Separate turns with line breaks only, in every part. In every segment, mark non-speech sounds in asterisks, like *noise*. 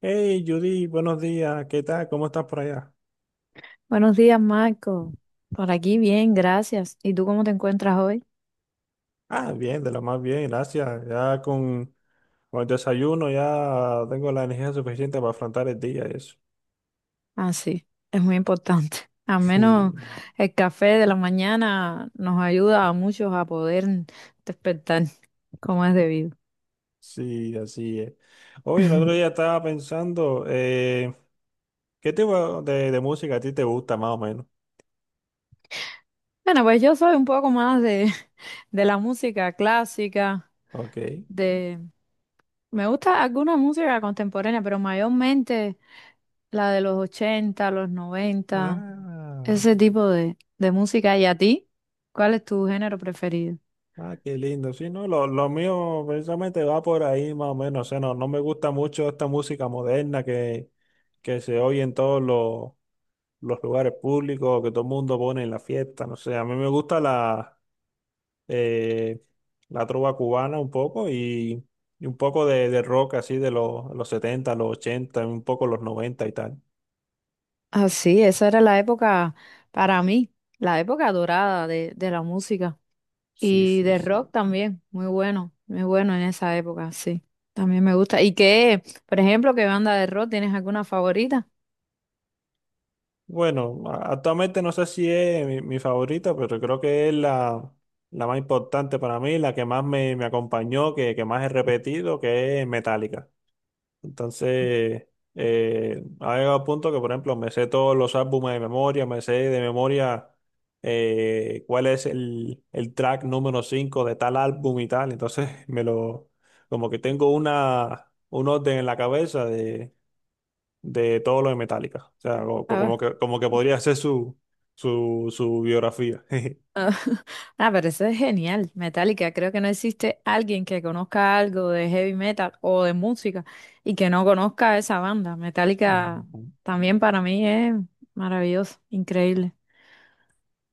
Hey Judy, buenos días, ¿qué tal? ¿Cómo estás por allá?
Buenos días, Marco. Por aquí bien, gracias. ¿Y tú cómo te encuentras hoy?
Ah, bien, de lo más bien, gracias. Con el desayuno ya tengo la energía suficiente para afrontar el día, y eso.
Ah, sí, es muy importante. *laughs* Al
*laughs*
menos
Sí,
el café de la mañana nos ayuda a muchos a poder despertar como es debido.
sí, así es. Oye, el otro día
*laughs*
estaba pensando, ¿qué tipo de música a ti te gusta más o menos?
Bueno, pues yo soy un poco más *laughs* de la música clásica,
Ok.
de, Me gusta alguna música contemporánea, pero mayormente la de los 80 los noventa
Ah,
ese tipo de música. ¿Y a ti? ¿Cuál es tu género preferido?
ah, qué lindo. Sí, no, lo mío precisamente va por ahí más o menos. O sea, no, no me gusta mucho esta música moderna que se oye en todos los lugares públicos que todo el mundo pone en la fiesta, no sé, a mí me gusta eh, la trova cubana un poco y un poco de rock así de los 70 los 80 un poco los 90 y tal.
Ah, sí, esa era la época para mí, la época dorada de la música
Sí,
y
sí,
de
sí.
rock también, muy bueno, muy bueno en esa época, sí, también me gusta. ¿Y qué, por ejemplo, qué banda de rock tienes alguna favorita?
Bueno, actualmente no sé si es mi favorita, pero creo que es la, la más importante para mí, la que más me, me acompañó, que más he repetido, que es Metallica. Entonces, ha llegado a punto que, por ejemplo, me sé todos los álbumes de memoria, me sé de memoria cuál es el track número 5 de tal álbum y tal. Entonces, *laughs* como que tengo una, un orden en la cabeza de todo lo de Metallica. O sea, como, como que podría ser su, su biografía. *laughs*
Ah, pero eso es genial. Metallica, creo que no existe alguien que conozca algo de heavy metal o de música y que no conozca esa banda. Metallica
Ujú.
también para mí es maravilloso, increíble.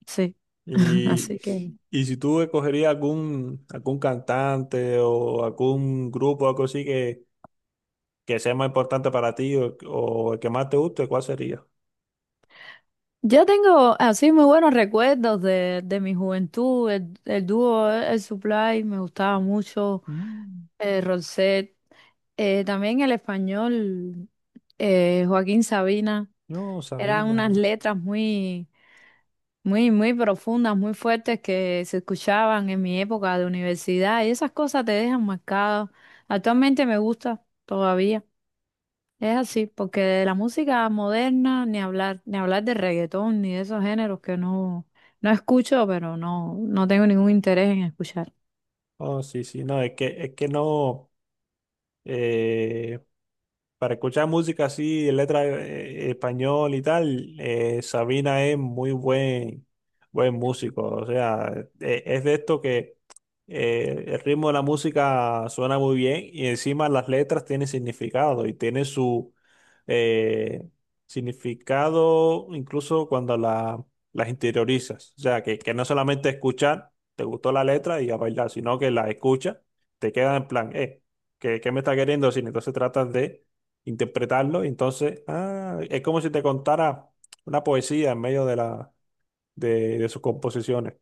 Sí. *laughs*
Y,
Así que
y si tú escogerías algún, algún cantante o algún grupo o algo así que sea más importante para ti o el que más te guste, ¿cuál sería?
yo tengo así muy buenos recuerdos de mi juventud. El dúo, el Supply, me gustaba mucho.
Mm,
Rosette. También el español, Joaquín Sabina.
no,
Eran unas
Sabina.
letras muy profundas, muy fuertes que se escuchaban en mi época de universidad y esas cosas te dejan marcado. Actualmente me gusta todavía. Es así, porque de la música moderna ni hablar, ni hablar de reggaetón, ni de esos géneros que no, no escucho, pero no, no tengo ningún interés en escuchar.
Oh, no, es que no. eh, para escuchar música así, letra español y tal, Sabina es muy buen músico. O sea, es de esto que el ritmo de la música suena muy bien y encima las letras tienen significado y tiene su eh, significado incluso cuando las interiorizas. O sea, que no solamente escuchar, te gustó la letra y a bailar, sino que la escuchas, te queda en plan, ¿qué, qué me está queriendo decir? Entonces tratas de interpretarlo. Y entonces, ah, es como si te contara una poesía en medio de sus composiciones.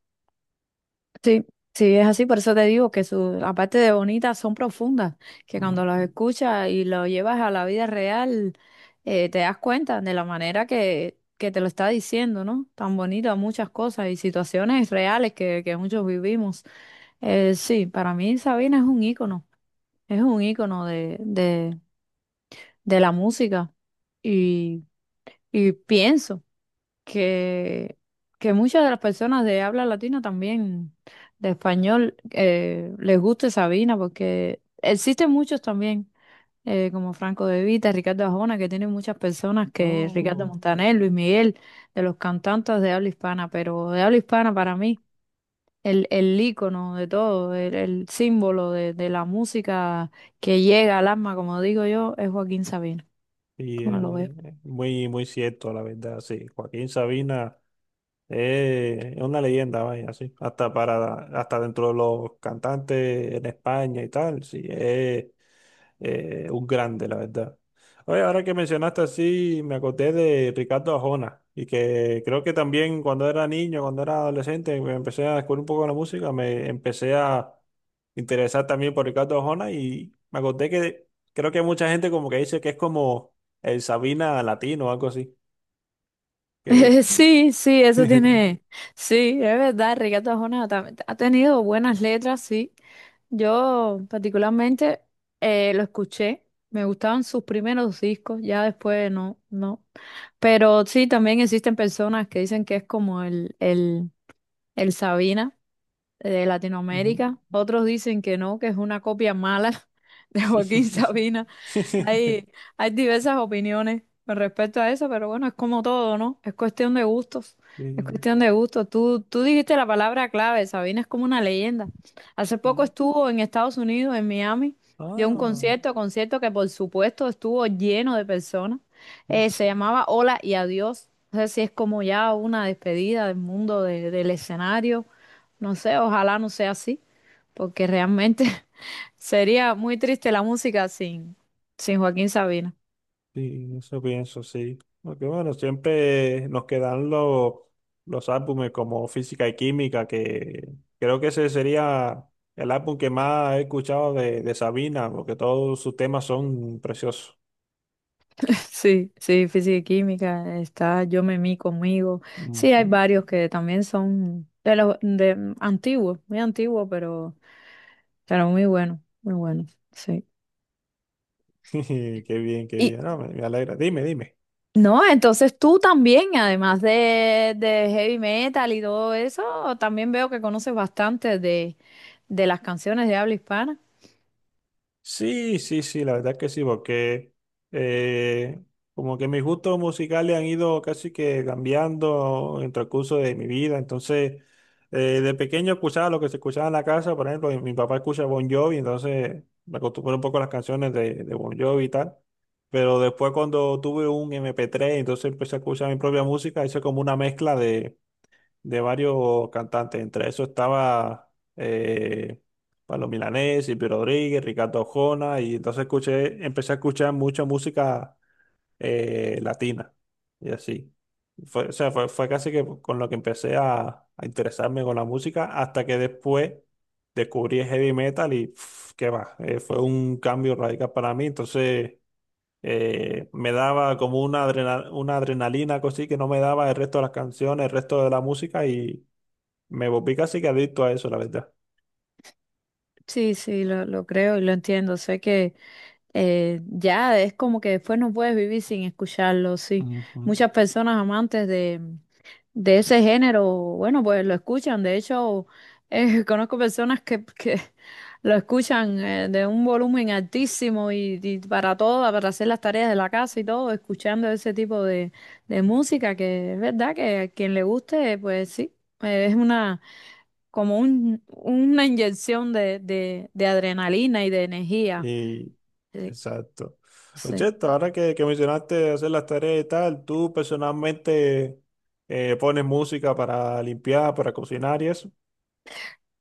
Sí, sí, es así, por eso te digo que su, aparte de bonitas, son profundas, que cuando
Mm.
las escuchas y lo llevas a la vida real, te das cuenta de la manera que te lo está diciendo, ¿no? Tan bonito muchas cosas y situaciones reales que muchos vivimos. Sí, para mí Sabina es un ícono de la música y, y pienso que, que muchas de las personas de habla latina también, de español, les guste Sabina, porque existen muchos también, como Franco De Vita, Ricardo Arjona, que tienen muchas personas que Ricardo Ujú.
Oh,
Montaner, Luis Miguel, de los cantantes de habla hispana, pero de habla hispana para mí. El ícono de todo, el símbolo de la música que llega al alma, como digo yo, es Joaquín Sabina. Como
es
lo veo?
muy, muy cierto, la verdad, sí. Joaquín Sabina es una leyenda, vaya, sí. Hasta, para, hasta dentro de los cantantes en España y tal, sí. es un grande, la verdad. Oye, ahora que mencionaste así, me acordé de Ricardo Arjona y que creo que también cuando era niño, cuando era adolescente, me empecé a descubrir un poco la música, me empecé a interesar también por Ricardo Arjona y me acordé que creo que mucha gente como que dice que es como el Sabina latino o algo así. Que...
*laughs* Sí, sí, eso
*laughs*
tiene. Sí, es verdad, Ricardo Arjona tam- ha tenido buenas letras, sí. Yo particularmente lo escuché, me gustaban sus primeros discos, ya después no, no. Pero sí, también existen personas que dicen que es como el Sabina de
Ujú.
Latinoamérica. Otros dicen que no, que es una copia mala *laughs* de Joaquín Sabina.
*laughs*
Hay, hay diversas opiniones con respecto a eso, pero bueno, es como todo, ¿no? Es cuestión de gustos. Es
Sí,
cuestión de gustos. Tú dijiste la palabra clave, Sabina es como una leyenda. Hace poco
sí.
estuvo en Estados Unidos, en Miami, dio un
Ah,
concierto, concierto que por supuesto estuvo lleno de personas.
uf.
Se llamaba Hola y Adiós. No sé si es como ya una despedida del mundo de- del escenario, no sé, ojalá no sea así, porque realmente *laughs* sería muy triste la música sin, sin Joaquín Sabina.
Sí, eso pienso, sí. Porque bueno, siempre nos quedan los álbumes como Física y Química, que creo que ese sería el álbum que más he escuchado de Sabina, porque todos sus temas son preciosos.
*laughs* Sí, sí, física y química, está Yo me mí conmigo. Sí, hay
Ujú.
varios que también son de los de antiguos, muy antiguos, pero muy buenos, sí.
*laughs* Qué bien, qué
Y
bien. No, me alegra. Dime, dime.
no, entonces tú también, además de heavy metal y todo eso, también veo que conoces bastante de las canciones de habla hispana.
Sí, sí, sí, la verdad que sí, porque eh, como que mis gustos musicales han ido casi que cambiando en el transcurso de mi vida. Entonces, de pequeño escuchaba lo que se escuchaba en la casa, por ejemplo, mi papá escucha Bon Jovi, entonces me acostumbré un poco a las canciones de Bon Jovi y tal. Pero después cuando tuve un MP3, entonces empecé a escuchar mi propia música, hice como una mezcla de varios cantantes. Entre eso estaba eh, Pablo Milanés, Silvio Rodríguez, Ricardo Arjona, y entonces empecé a escuchar mucha música latina y así. Fue, o sea, fue, fue casi que con lo que empecé a interesarme con la música hasta que después descubrí el heavy metal y pf, qué va, fue un cambio radical para mí. Entonces me daba como una, una adrenalina, cosí que no me daba el resto de las canciones, el resto de la música y me volví casi que adicto a eso, la verdad.
Sí, sí, lo creo y lo entiendo. Sé que ya es como que después no puedes vivir sin escucharlo, sí.
Ujú.
Muchas personas amantes de ese género, bueno, pues lo escuchan. De hecho, *laughs* conozco personas que lo escuchan de un volumen altísimo y para todo, para hacer las tareas de la casa y todo, escuchando ese tipo de música, que es verdad que a quien le guste, pues sí, es una como una inyección de adrenalina y de energía.
Y exacto.
Sí,
Oye,
sí.
ahora que mencionaste hacer las tareas y tal, ¿tú personalmente pones música para limpiar, para cocinar y eso?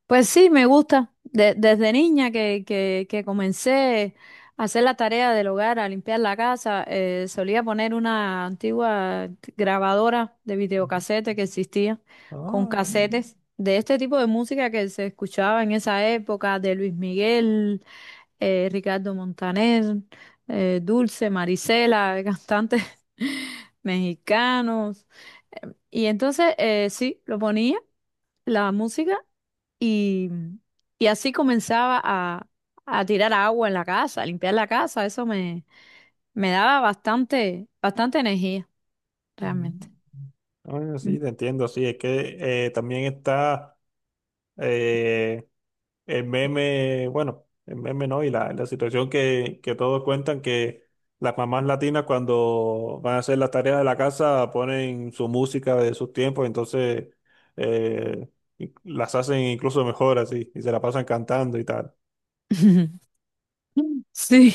Pues sí, me gusta. De- desde niña que comencé a hacer la tarea del hogar, a limpiar la casa, solía poner una antigua grabadora de
Ujú.
videocasete que existía con
Ah,
casetes de este tipo de música que se escuchaba en esa época, de Luis Miguel, Ricardo Montaner, Dulce, Marisela, cantantes *laughs* mexicanos. Y entonces, sí, lo ponía, la música, y, y así comenzaba a tirar agua en la casa, a limpiar la casa. Eso me, me daba bastante, bastante energía,
ujú.
realmente.
Ah, sí,
Mm.
te entiendo, sí, es que también está eh, el meme, bueno, el meme no, y la situación que todos cuentan que las mamás latinas cuando van a hacer las tareas de la casa ponen su música de sus tiempos, entonces eh, las hacen incluso mejor así, y se la pasan cantando y tal.
*laughs* Sí,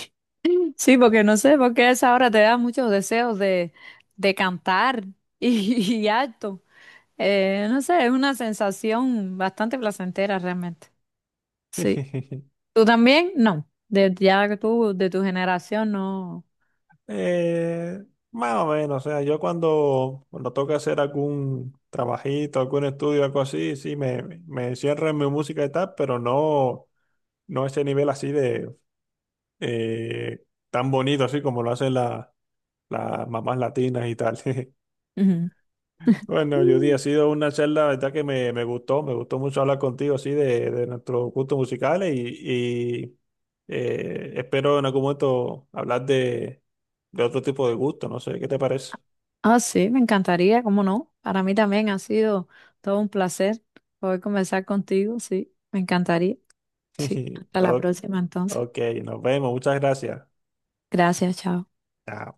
sí, porque no sé, porque a esa hora te da muchos deseos de cantar y, *laughs* y alto. No sé, es una sensación bastante placentera realmente. Sí.
*laughs*
¿Tú también? No. De, ya que tú, de tu generación, no.
Eh, más o menos, o sea, yo cuando, cuando toca hacer algún trabajito, algún estudio, algo así, sí, me encierro en mi música y tal, pero no, no a ese nivel así de eh, tan bonito así como lo hacen las mamás latinas y tal. *laughs*
Ujú.
Bueno, Judy, ha
Mm.
sido una charla, la verdad que me gustó mucho hablar contigo así de nuestros gustos musicales espero en algún momento hablar de otro tipo de gusto, no sé, ¿qué te parece?
Ah, sí, me encantaría, ¿cómo no? Para mí también ha sido todo un placer poder conversar contigo, sí, me encantaría. Sí,
*laughs*
hasta la
O-
próxima entonces.
Ok, nos vemos, muchas gracias.
Gracias, chao.
Chao.